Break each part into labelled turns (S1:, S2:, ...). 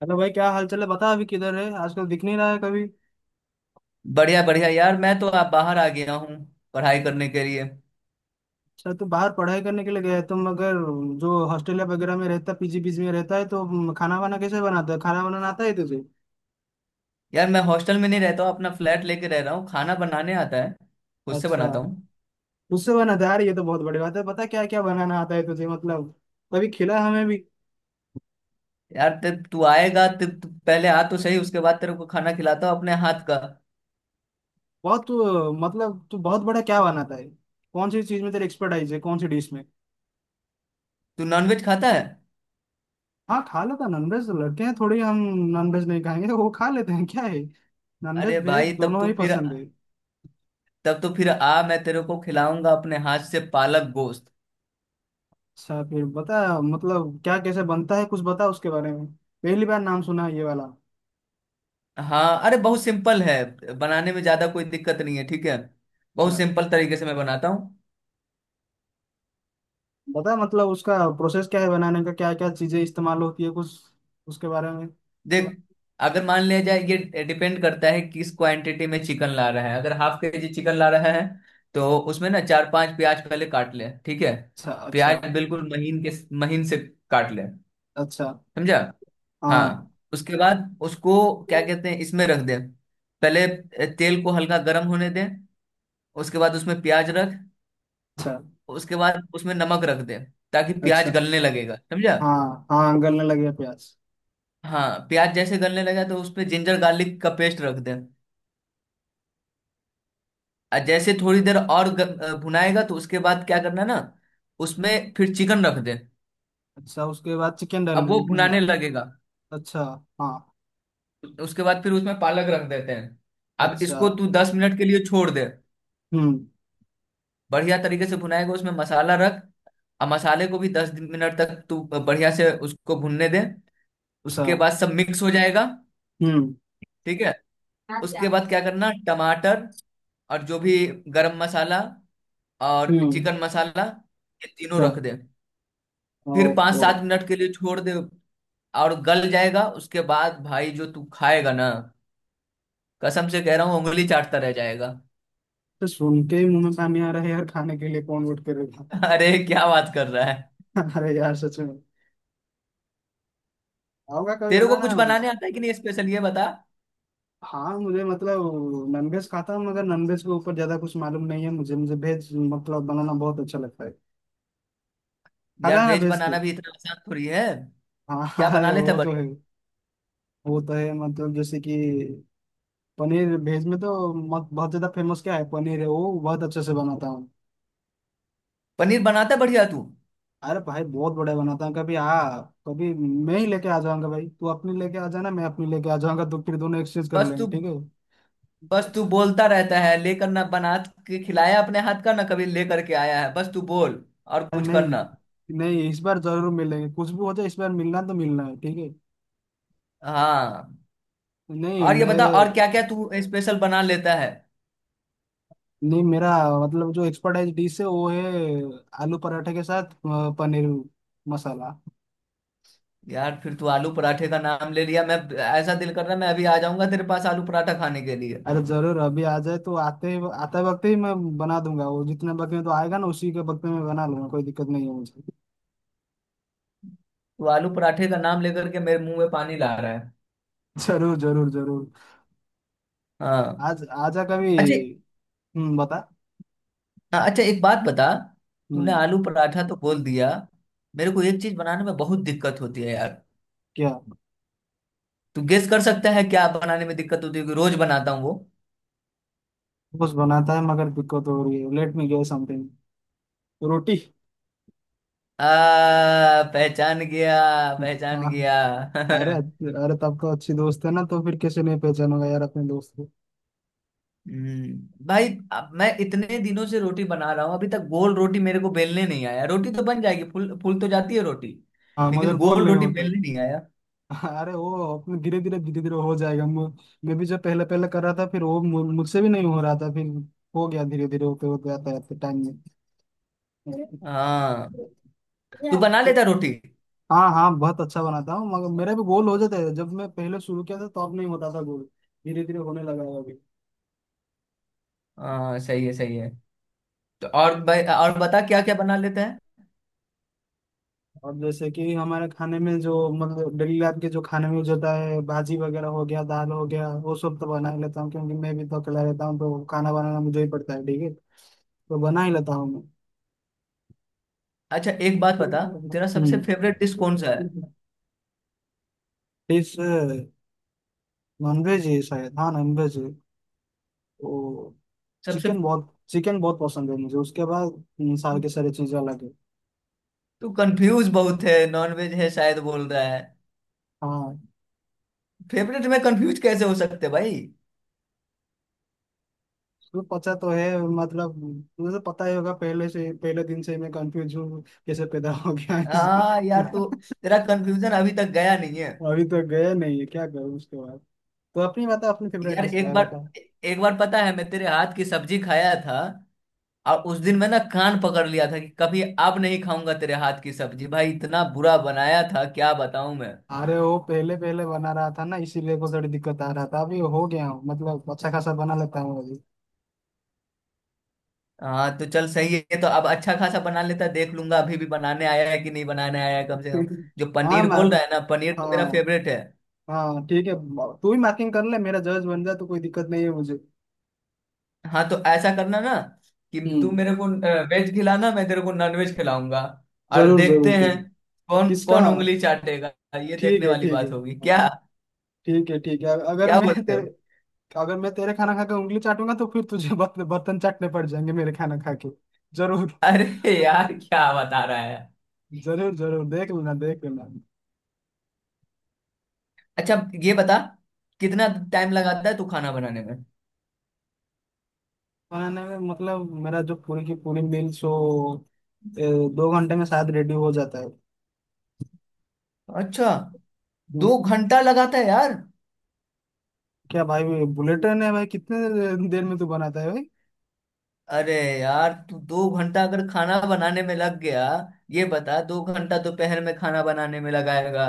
S1: Hello भाई, क्या हाल चाल है? बता अभी किधर है, आजकल दिख नहीं रहा है कभी।
S2: बढ़िया बढ़िया यार, मैं तो आप बाहर आ गया हूँ पढ़ाई करने के लिए।
S1: शायद तू बाहर पढ़ाई करने के लिए गया है। तुम अगर जो हॉस्टल या वगैरह में रहता, पीजी पीजी में रहता है तो खाना वाना कैसे बनाता है? खाना बनाना आता है तुझे?
S2: यार मैं हॉस्टल में नहीं रहता हूँ, अपना फ्लैट लेके रह रहा हूँ। खाना बनाने आता है, खुद से
S1: अच्छा।
S2: बनाता हूँ।
S1: उससे बनाता है यार, ये तो बहुत बड़ी बात है। पता क्या क्या बनाना आता है तुझे? मतलब कभी खिला हमें भी।
S2: यार तब तू आएगा, तब तू पहले आ तो सही, उसके बाद तेरे को खाना खिलाता हूँ अपने हाथ का।
S1: बहुत तू मतलब तू बहुत बड़ा क्या बनाता है? कौन सी चीज में तेरी एक्सपर्टाइज है, कौन सी डिश में?
S2: तू नॉनवेज खाता है?
S1: हाँ खा लेता नॉनवेज, लड़के हैं थोड़ी हम नॉनवेज नहीं खाएंगे, वो खा लेते हैं क्या है। नॉनवेज
S2: अरे
S1: भेज
S2: भाई तब
S1: दोनों ही
S2: तो फिर,
S1: पसंद है।
S2: तब तो फिर आ, मैं तेरे को खिलाऊंगा अपने हाथ से पालक गोश्त।
S1: अच्छा फिर बता मतलब, क्या कैसे बनता है? कुछ बता उसके बारे में, पहली बार नाम सुना है ये वाला।
S2: हाँ, अरे बहुत सिंपल है, बनाने में ज्यादा कोई दिक्कत नहीं है, ठीक है।
S1: अच्छा
S2: बहुत सिंपल तरीके से मैं बनाता हूँ।
S1: बता मतलब उसका प्रोसेस क्या है बनाने का? क्या क्या चीजें इस्तेमाल होती है कुछ उसके बारे में?
S2: देख, अगर मान लिया जाए, ये डिपेंड करता है किस क्वांटिटी में चिकन ला रहा है। अगर हाफ के जी चिकन ला रहा है तो उसमें ना चार पांच प्याज पहले काट ले, ठीक है।
S1: अच्छा, अच्छा।
S2: प्याज बिल्कुल महीन के महीन से काट ले।
S1: अच्छा।
S2: समझा?
S1: हाँ।
S2: हाँ, उसके बाद उसको क्या कहते हैं, इसमें रख दे। पहले तेल को हल्का गर्म होने दे, उसके बाद उसमें प्याज रख।
S1: अच्छा।
S2: उसके बाद उसमें नमक रख दे, ताकि प्याज
S1: अच्छा।
S2: गलने लगेगा। समझा?
S1: हाँ हाँ, गलने लगे प्याज।
S2: हाँ, प्याज जैसे गलने लगा तो उसपे जिंजर गार्लिक का पेस्ट रख दे। जैसे थोड़ी देर और भुनाएगा तो उसके बाद क्या करना ना, उसमें फिर चिकन रख दे।
S1: अच्छा, उसके बाद चिकन डाल।
S2: अब वो भुनाने लगेगा।
S1: अच्छा। हाँ।
S2: उसके बाद फिर उसमें पालक रख देते हैं। अब
S1: अच्छा।
S2: इसको तू 10 मिनट के लिए छोड़ दे।
S1: हम्म।
S2: बढ़िया तरीके से भुनाएगा, उसमें मसाला रख। अब मसाले को भी 10 मिनट तक तू बढ़िया से उसको भुनने दे।
S1: अच्छा।
S2: उसके बाद सब मिक्स हो जाएगा,
S1: हम्म।
S2: ठीक है। उसके बाद क्या करना, टमाटर, और जो भी गरम मसाला और
S1: हम्म।
S2: चिकन मसाला, ये तीनों
S1: अच्छा।
S2: रख दे। फिर
S1: ओह,
S2: पाँच
S1: ओह।
S2: सात मिनट के लिए छोड़ दे और गल जाएगा। उसके बाद भाई जो तू खाएगा ना, कसम से कह रहा हूँ, उंगली चाटता रह जाएगा।
S1: तो सुन के ही मुंह में पानी आ रहा है यार, खाने के लिए कौन उठ के रहेगा।
S2: अरे क्या बात कर रहा है।
S1: अरे यार सच में। होगा कभी
S2: तेरे को
S1: बनाना।
S2: कुछ बनाने आता है कि नहीं, स्पेशल ये बता।
S1: हाँ मुझे मतलब, नॉनवेज खाता हूँ मगर नॉनवेज के ऊपर ज्यादा कुछ मालूम नहीं है मुझे मुझे वेज मतलब बनाना बहुत अच्छा लगता है। खाता
S2: यार
S1: है ना
S2: वेज
S1: वेज तो।
S2: बनाना भी इतना आसान थोड़ी है।
S1: हाँ
S2: क्या
S1: हाँ,
S2: बना
S1: अरे
S2: लेता है
S1: वो तो है।
S2: बढ़िया?
S1: वो तो है मतलब जैसे कि, पनीर वेज में तो मत, बहुत ज्यादा फेमस क्या है, पनीर है वो बहुत अच्छे से बनाता हूँ।
S2: पनीर बनाता है बढ़िया तू।
S1: अरे भाई बहुत बढ़िया बनाता हूँ, कभी आ। कभी मैं ही लेके आ जाऊंगा भाई, तू अपनी लेके आ जाना, मैं अपनी लेके आ जाऊंगा, तो फिर दोनों एक्सचेंज कर
S2: बस
S1: लेंगे
S2: तू
S1: ठीक है।
S2: बस तू बोलता रहता है, लेकर ना बना के खिलाया अपने हाथ का ना, कभी लेकर के आया है? बस तू बोल और
S1: अरे
S2: कुछ
S1: नहीं
S2: करना।
S1: नहीं, इस बार जरूर मिलेंगे, कुछ भी हो जाए इस बार मिलना तो मिलना है ठीक है।
S2: हाँ,
S1: नहीं
S2: और ये बता
S1: मैं
S2: और क्या क्या तू स्पेशल बना लेता है?
S1: नहीं मेरा मतलब, जो एक्सपर्टाइज डिश है वो है, आलू पराठे के साथ पनीर मसाला।
S2: यार फिर तू आलू पराठे का नाम ले लिया, मैं ऐसा दिल कर रहा है मैं अभी आ जाऊंगा तेरे पास आलू पराठा खाने के लिए।
S1: अरे जरूर, अभी आ जाए तो आते वक्त ही मैं बना दूंगा वो, जितने वक्त में तो आएगा ना उसी के वक्त में मैं बना लूंगा, कोई दिक्कत नहीं है मुझे।
S2: तू आलू पराठे का नाम लेकर के मेरे मुंह में पानी ला रहा है।
S1: जरूर जरूर जरूर।
S2: हाँ।
S1: आज आजा कभी।
S2: अच्छा।
S1: हम्म, बता।
S2: हाँ, अच्छा, एक बात बता। तूने
S1: हम्म।
S2: आलू पराठा तो बोल दिया, मेरे को एक चीज बनाने में बहुत दिक्कत होती है यार।
S1: क्या?
S2: तू गेस कर सकता है क्या बनाने में दिक्कत होती है, क्योंकि रोज बनाता हूँ वो।
S1: कुछ बनाता है मगर दिक्कत हो रही है? Let me guess something. रोटी।
S2: आ, पहचान गया। पहचान
S1: हाँ।
S2: गया।
S1: अरे अरे, तब तो अच्छी दोस्त है ना, तो फिर कैसे नहीं पहचानूंगा यार अपने दोस्त।
S2: हम्म, भाई, अब मैं इतने दिनों से रोटी बना रहा हूँ, अभी तक गोल रोटी मेरे को बेलने नहीं आया। रोटी तो बन जाएगी, फूल फूल तो जाती है रोटी,
S1: हाँ
S2: लेकिन
S1: मगर गोल
S2: गोल
S1: नहीं
S2: रोटी
S1: होता।
S2: बेलने नहीं आया।
S1: अरे वो अपने धीरे धीरे धीरे धीरे हो जाएगा। मैं भी जब पहले पहले कर रहा था फिर वो मुझसे भी नहीं हो रहा था, फिर हो गया धीरे धीरे, होते होते आता है टाइम में।
S2: हाँ, तू बना लेता रोटी?
S1: हाँ हाँ, बहुत अच्छा बनाता हूँ मगर मेरे भी गोल हो जाते हैं। जब मैं पहले शुरू किया था तो अब नहीं होता था गोल, धीरे धीरे होने लगा है अभी।
S2: हाँ, सही है सही है। तो और भाई और बता, क्या क्या बना लेते हैं?
S1: और जैसे कि हमारे खाने में जो मतलब डेली लाइफ के जो खाने में यूज होता है, भाजी वगैरह हो गया, दाल हो गया, वो सब तो बना ही लेता हूँ, क्योंकि मैं भी तो अकेला रहता हूँ तो खाना बनाना मुझे ही पड़ता है ठीक है, तो बना ही लेता हूँ मैं।
S2: अच्छा एक बात बता, तेरा सबसे
S1: हम्म,
S2: फेवरेट डिश कौन सा है?
S1: डिश नॉनवेज ही है शायद, हाँ नॉनवेज है वो।
S2: सबसे।
S1: चिकन बहुत पसंद है मुझे उसके बाद। सारे के सारे चीज़ अलग है।
S2: तू कंफ्यूज बहुत है, नॉनवेज है शायद बोल रहा है।
S1: हाँ
S2: फेवरेट में कंफ्यूज कैसे हो सकते भाई?
S1: वो पता तो है मतलब, मुझे तो पता ही होगा पहले दिन से मैं कंफ्यूज हूँ, कैसे पैदा हो गया इस।
S2: हाँ यार तू, तेरा कंफ्यूजन अभी तक गया नहीं है।
S1: अभी तो गए नहीं है क्या करूँ? उसके बाद तो अपनी बता, अपनी फेवरेट
S2: यार
S1: डिश क्या
S2: एक
S1: है
S2: बार
S1: बता।
S2: एक बार पता है, मैं तेरे हाथ की सब्जी खाया था, और उस दिन मैं ना कान पकड़ लिया था कि कभी अब नहीं खाऊंगा तेरे हाथ की सब्जी। भाई इतना बुरा बनाया था, क्या बताऊं मैं।
S1: अरे वो पहले पहले बना रहा था ना इसीलिए को थोड़ी दिक्कत आ रहा था, अभी हो गया हूँ मतलब अच्छा खासा बना लेता हूँ अभी।
S2: हाँ तो चल सही है, तो अब अच्छा खासा बना लेता, देख लूंगा अभी भी बनाने आया है कि नहीं बनाने आया है कम से कम। जो
S1: हाँ
S2: पनीर बोल
S1: मार।
S2: रहा है ना, पनीर तो
S1: हाँ
S2: मेरा फेवरेट है।
S1: हाँ ठीक है, तू भी मार्किंग कर ले मेरा जज बन जा, तो कोई दिक्कत नहीं है मुझे।
S2: हाँ तो ऐसा करना ना कि तू
S1: हम्म,
S2: मेरे को वेज खिलाना, मैं तेरे को नॉन वेज खिलाऊंगा, और
S1: जरूर
S2: देखते
S1: जरूर जरूर।
S2: हैं कौन
S1: किसका?
S2: कौन उंगली चाटेगा। ये
S1: ठीक
S2: देखने
S1: है,
S2: वाली
S1: ठीक
S2: बात
S1: है।
S2: होगी। क्या
S1: ठीक है, ठीक है।
S2: क्या बोलते हो?
S1: अगर मैं तेरे खाना खा के उंगली चाटूंगा, तो फिर तुझे बर्तन चाटने पड़ जाएंगे मेरे खाना खा के। जरूर
S2: अरे यार क्या बता रहा है।
S1: जरूर जरूर, देख लेना देख लेना।
S2: अच्छा ये बता, कितना टाइम लगाता है तू खाना बनाने में?
S1: बनाने में मतलब, मेरा जो पूरी की पूरी मील सो 2 घंटे में शायद रेडी हो जाता है।
S2: अच्छा,
S1: हम्म,
S2: 2 घंटा लगाता है यार?
S1: क्या भाई, बुलेट ट्रेन है भाई? कितने देर में तू बनाता है भाई?
S2: अरे यार तू 2 घंटा अगर खाना बनाने में लग गया, ये बता, 2 घंटा दोपहर में खाना बनाने में लगाएगा,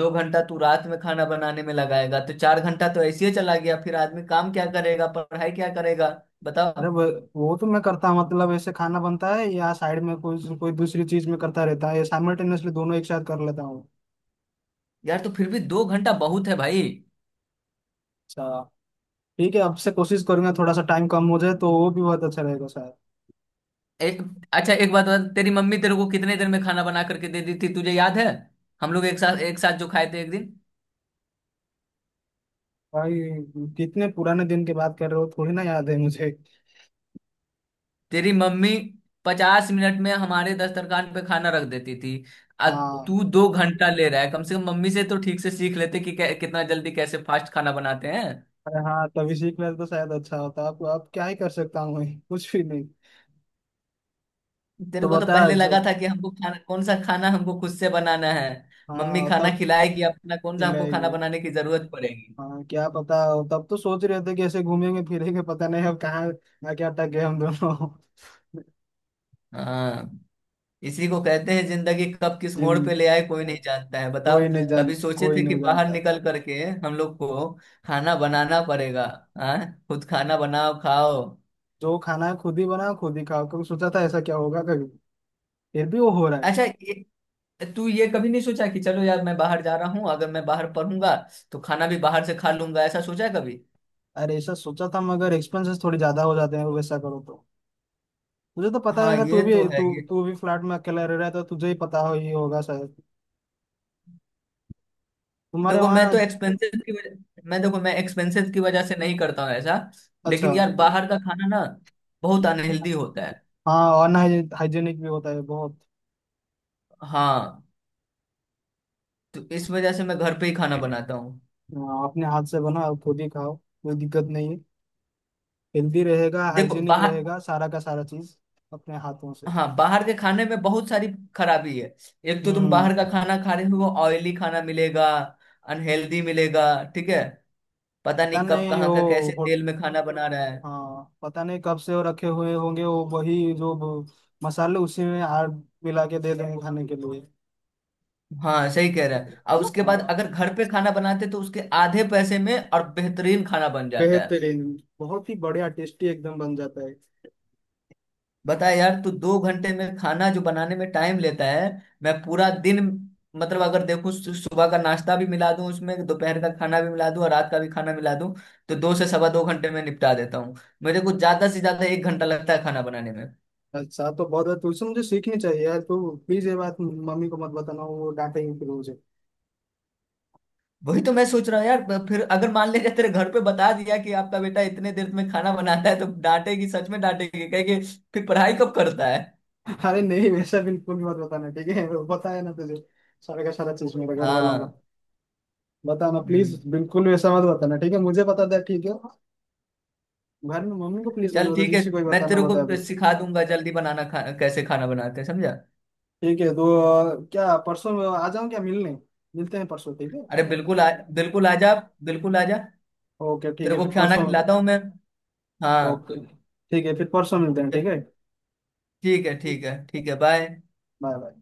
S2: 2 घंटा तू रात में खाना बनाने में लगाएगा, तो 4 घंटा तो ऐसे ही चला गया। फिर आदमी काम क्या करेगा, पढ़ाई क्या करेगा, बताओ।
S1: अरे वो तो मैं करता हूँ मतलब ऐसे खाना बनता है या साइड में कोई कोई दूसरी चीज में करता रहता है, या साइमल्टेनियसली दोनों एक साथ कर लेता हूँ।
S2: यार तो फिर भी 2 घंटा बहुत है भाई।
S1: अच्छा। ठीक है, आपसे कोशिश करूंगा थोड़ा सा टाइम कम हो जाए, तो वो भी बहुत अच्छा रहेगा शायद।
S2: एक अच्छा एक बात बता, तेरी मम्मी तेरे को कितने दिन में खाना बना करके दे दी थी, तुझे याद है? हम लोग एक साथ जो खाए थे एक दिन।
S1: भाई कितने पुराने दिन की बात कर रहे हो, थोड़ी ना याद है मुझे।
S2: तेरी मम्मी 50 मिनट में हमारे दस्तरखान पे खाना रख देती थी। आ,
S1: हाँ।
S2: तू दो घंटा ले रहा है, कम से कम मम्मी से तो ठीक से सीख लेते कि कितना जल्दी, कैसे फास्ट खाना बनाते हैं।
S1: अरे हाँ, तभी सीख लेते तो शायद अच्छा होता। आप क्या ही कर सकता हूँ मैं, कुछ भी नहीं।
S2: तेरे
S1: तो
S2: को तो
S1: बता
S2: पहले
S1: जो।
S2: लगा था कि हमको खाना, कौन सा खाना हमको खुद से बनाना है, मम्मी
S1: हाँ
S2: खाना
S1: तब।
S2: खिलाएगी अपना, कौन सा हमको खाना
S1: खिलाएगी,
S2: बनाने की जरूरत पड़ेगी।
S1: हाँ क्या पता। तब तो सोच रहे थे कि ऐसे घूमेंगे फिरेंगे, पता नहीं अब कहाँ ना क्या अटक गए हम दोनों।
S2: हाँ, इसी को कहते हैं जिंदगी, कब किस
S1: जिन
S2: मोड़ पे ले आए कोई नहीं जानता है, बताओ।
S1: कोई नहीं
S2: कभी
S1: जानता,
S2: सोचे
S1: कोई
S2: थे कि
S1: नहीं
S2: बाहर
S1: जानता।
S2: निकल करके हम लोग को खाना बनाना पड़ेगा? हाँ, खुद खाना बनाओ खाओ।
S1: जो खाना है खुद ही बनाओ खुद ही खाओ, कभी सोचा था ऐसा क्या होगा कभी? फिर भी वो हो रहा है।
S2: अच्छा तू ये कभी नहीं सोचा कि चलो यार मैं बाहर जा रहा हूँ, अगर मैं बाहर पढ़ूंगा तो खाना भी बाहर से खा लूंगा, ऐसा सोचा है कभी?
S1: अरे ऐसा सोचा था मगर एक्सपेंसेस थोड़ी ज्यादा हो जाते हैं वैसा करो तो। मुझे तो पता
S2: हाँ,
S1: है, तू
S2: ये तो
S1: भी
S2: है।
S1: तू
S2: ये
S1: तू भी फ्लैट में अकेला रह रहा है तो तुझे ही पता हो ही होगा शायद। तुम्हारे
S2: देखो मैं
S1: वहाँ।
S2: तो एक्सपेंसेस की वजह मैं देखो, मैं एक्सपेंसेस की वजह से नहीं करता हूँ ऐसा।
S1: अच्छा।
S2: लेकिन यार बाहर का खाना ना बहुत अनहेल्दी होता है।
S1: हाँ, अनहाइजेनिक भी होता है बहुत।
S2: हाँ, तो इस वजह से मैं घर पे ही खाना बनाता हूँ।
S1: हाँ, अपने हाथ से बनाओ खुद ही खाओ, कोई दिक्कत नहीं है। हेल्दी रहेगा,
S2: देखो
S1: हाइजेनिक
S2: बाहर
S1: रहेगा, सारा का सारा चीज, अपने हाथों से।
S2: हाँ, बाहर के खाने में बहुत सारी खराबी है। एक तो तुम
S1: हम्म,
S2: बाहर का खाना खा रहे हो, ऑयली खाना मिलेगा, अनहेल्दी मिलेगा, ठीक है। पता
S1: पता
S2: नहीं कब
S1: नहीं
S2: कहाँ का कैसे
S1: वो।
S2: तेल में खाना बना रहा है।
S1: हाँ पता नहीं कब से वो रखे हुए होंगे, वो वही जो ब- मसाले उसी में आड़ मिला के दे देंगे खाने के लिए।
S2: हाँ सही कह रहा है, और उसके बाद
S1: हाँ,
S2: अगर घर पे खाना बनाते तो उसके आधे पैसे में और बेहतरीन खाना बन जाता है।
S1: बेहतरीन, बहुत ही बढ़िया टेस्टी एकदम बन जाता है।
S2: बता यार, तू 2 घंटे में खाना जो बनाने में टाइम लेता है, मैं पूरा दिन, मतलब अगर देखूं, सुबह का नाश्ता भी मिला दूं उसमें, दोपहर का खाना भी मिला दूं, और रात का भी खाना मिला दूं, तो दो से सवा दो घंटे में निपटा देता हूँ। मेरे को ज्यादा से ज्यादा 1 घंटा लगता है खाना बनाने में।
S1: अच्छा तो बहुत है, तुझसे मुझे सीखनी चाहिए यार। तू प्लीज ये बात मम्मी को मत बताना, वो डांटेंगे फिर मुझे।
S2: वही तो मैं सोच रहा हूँ यार, फिर अगर मान लीजिए तेरे घर पे बता दिया कि आपका बेटा इतने देर में खाना बनाता है तो डांटेगी, सच में डांटेगी, कहेगी फिर पढ़ाई कब करता है।
S1: अरे नहीं, वैसा बिल्कुल भी मत बताना ठीक है? वो बताया ना तुझे, सारा का सारा चीज मेरे घर वालों
S2: हाँ।
S1: का बताना प्लीज,
S2: हम्म,
S1: बिल्कुल वैसा मत बताना ठीक है, मुझे बता दे ठीक है। घर में मम्मी को प्लीज मत
S2: चल
S1: बता,
S2: ठीक है,
S1: जिसी को भी
S2: मैं
S1: बताना
S2: तेरे को
S1: बता दे।
S2: सिखा दूंगा जल्दी बनाना, कैसे खाना बनाते हैं, समझा।
S1: ठीक है। तो क्या परसों आ जाऊँ क्या मिलने? मिलते हैं परसों ठीक है।
S2: अरे बिल्कुल आ, बिल्कुल आ जा, बिल्कुल आ जा।
S1: ओके ठीक
S2: तेरे
S1: है
S2: को
S1: फिर
S2: खाना
S1: परसों।
S2: खिलाता हूँ मैं। हाँ,
S1: ओके ठीक है फिर परसों मिलते हैं ठीक है।
S2: ठीक है ठीक है ठीक है, बाय।
S1: Bye bye.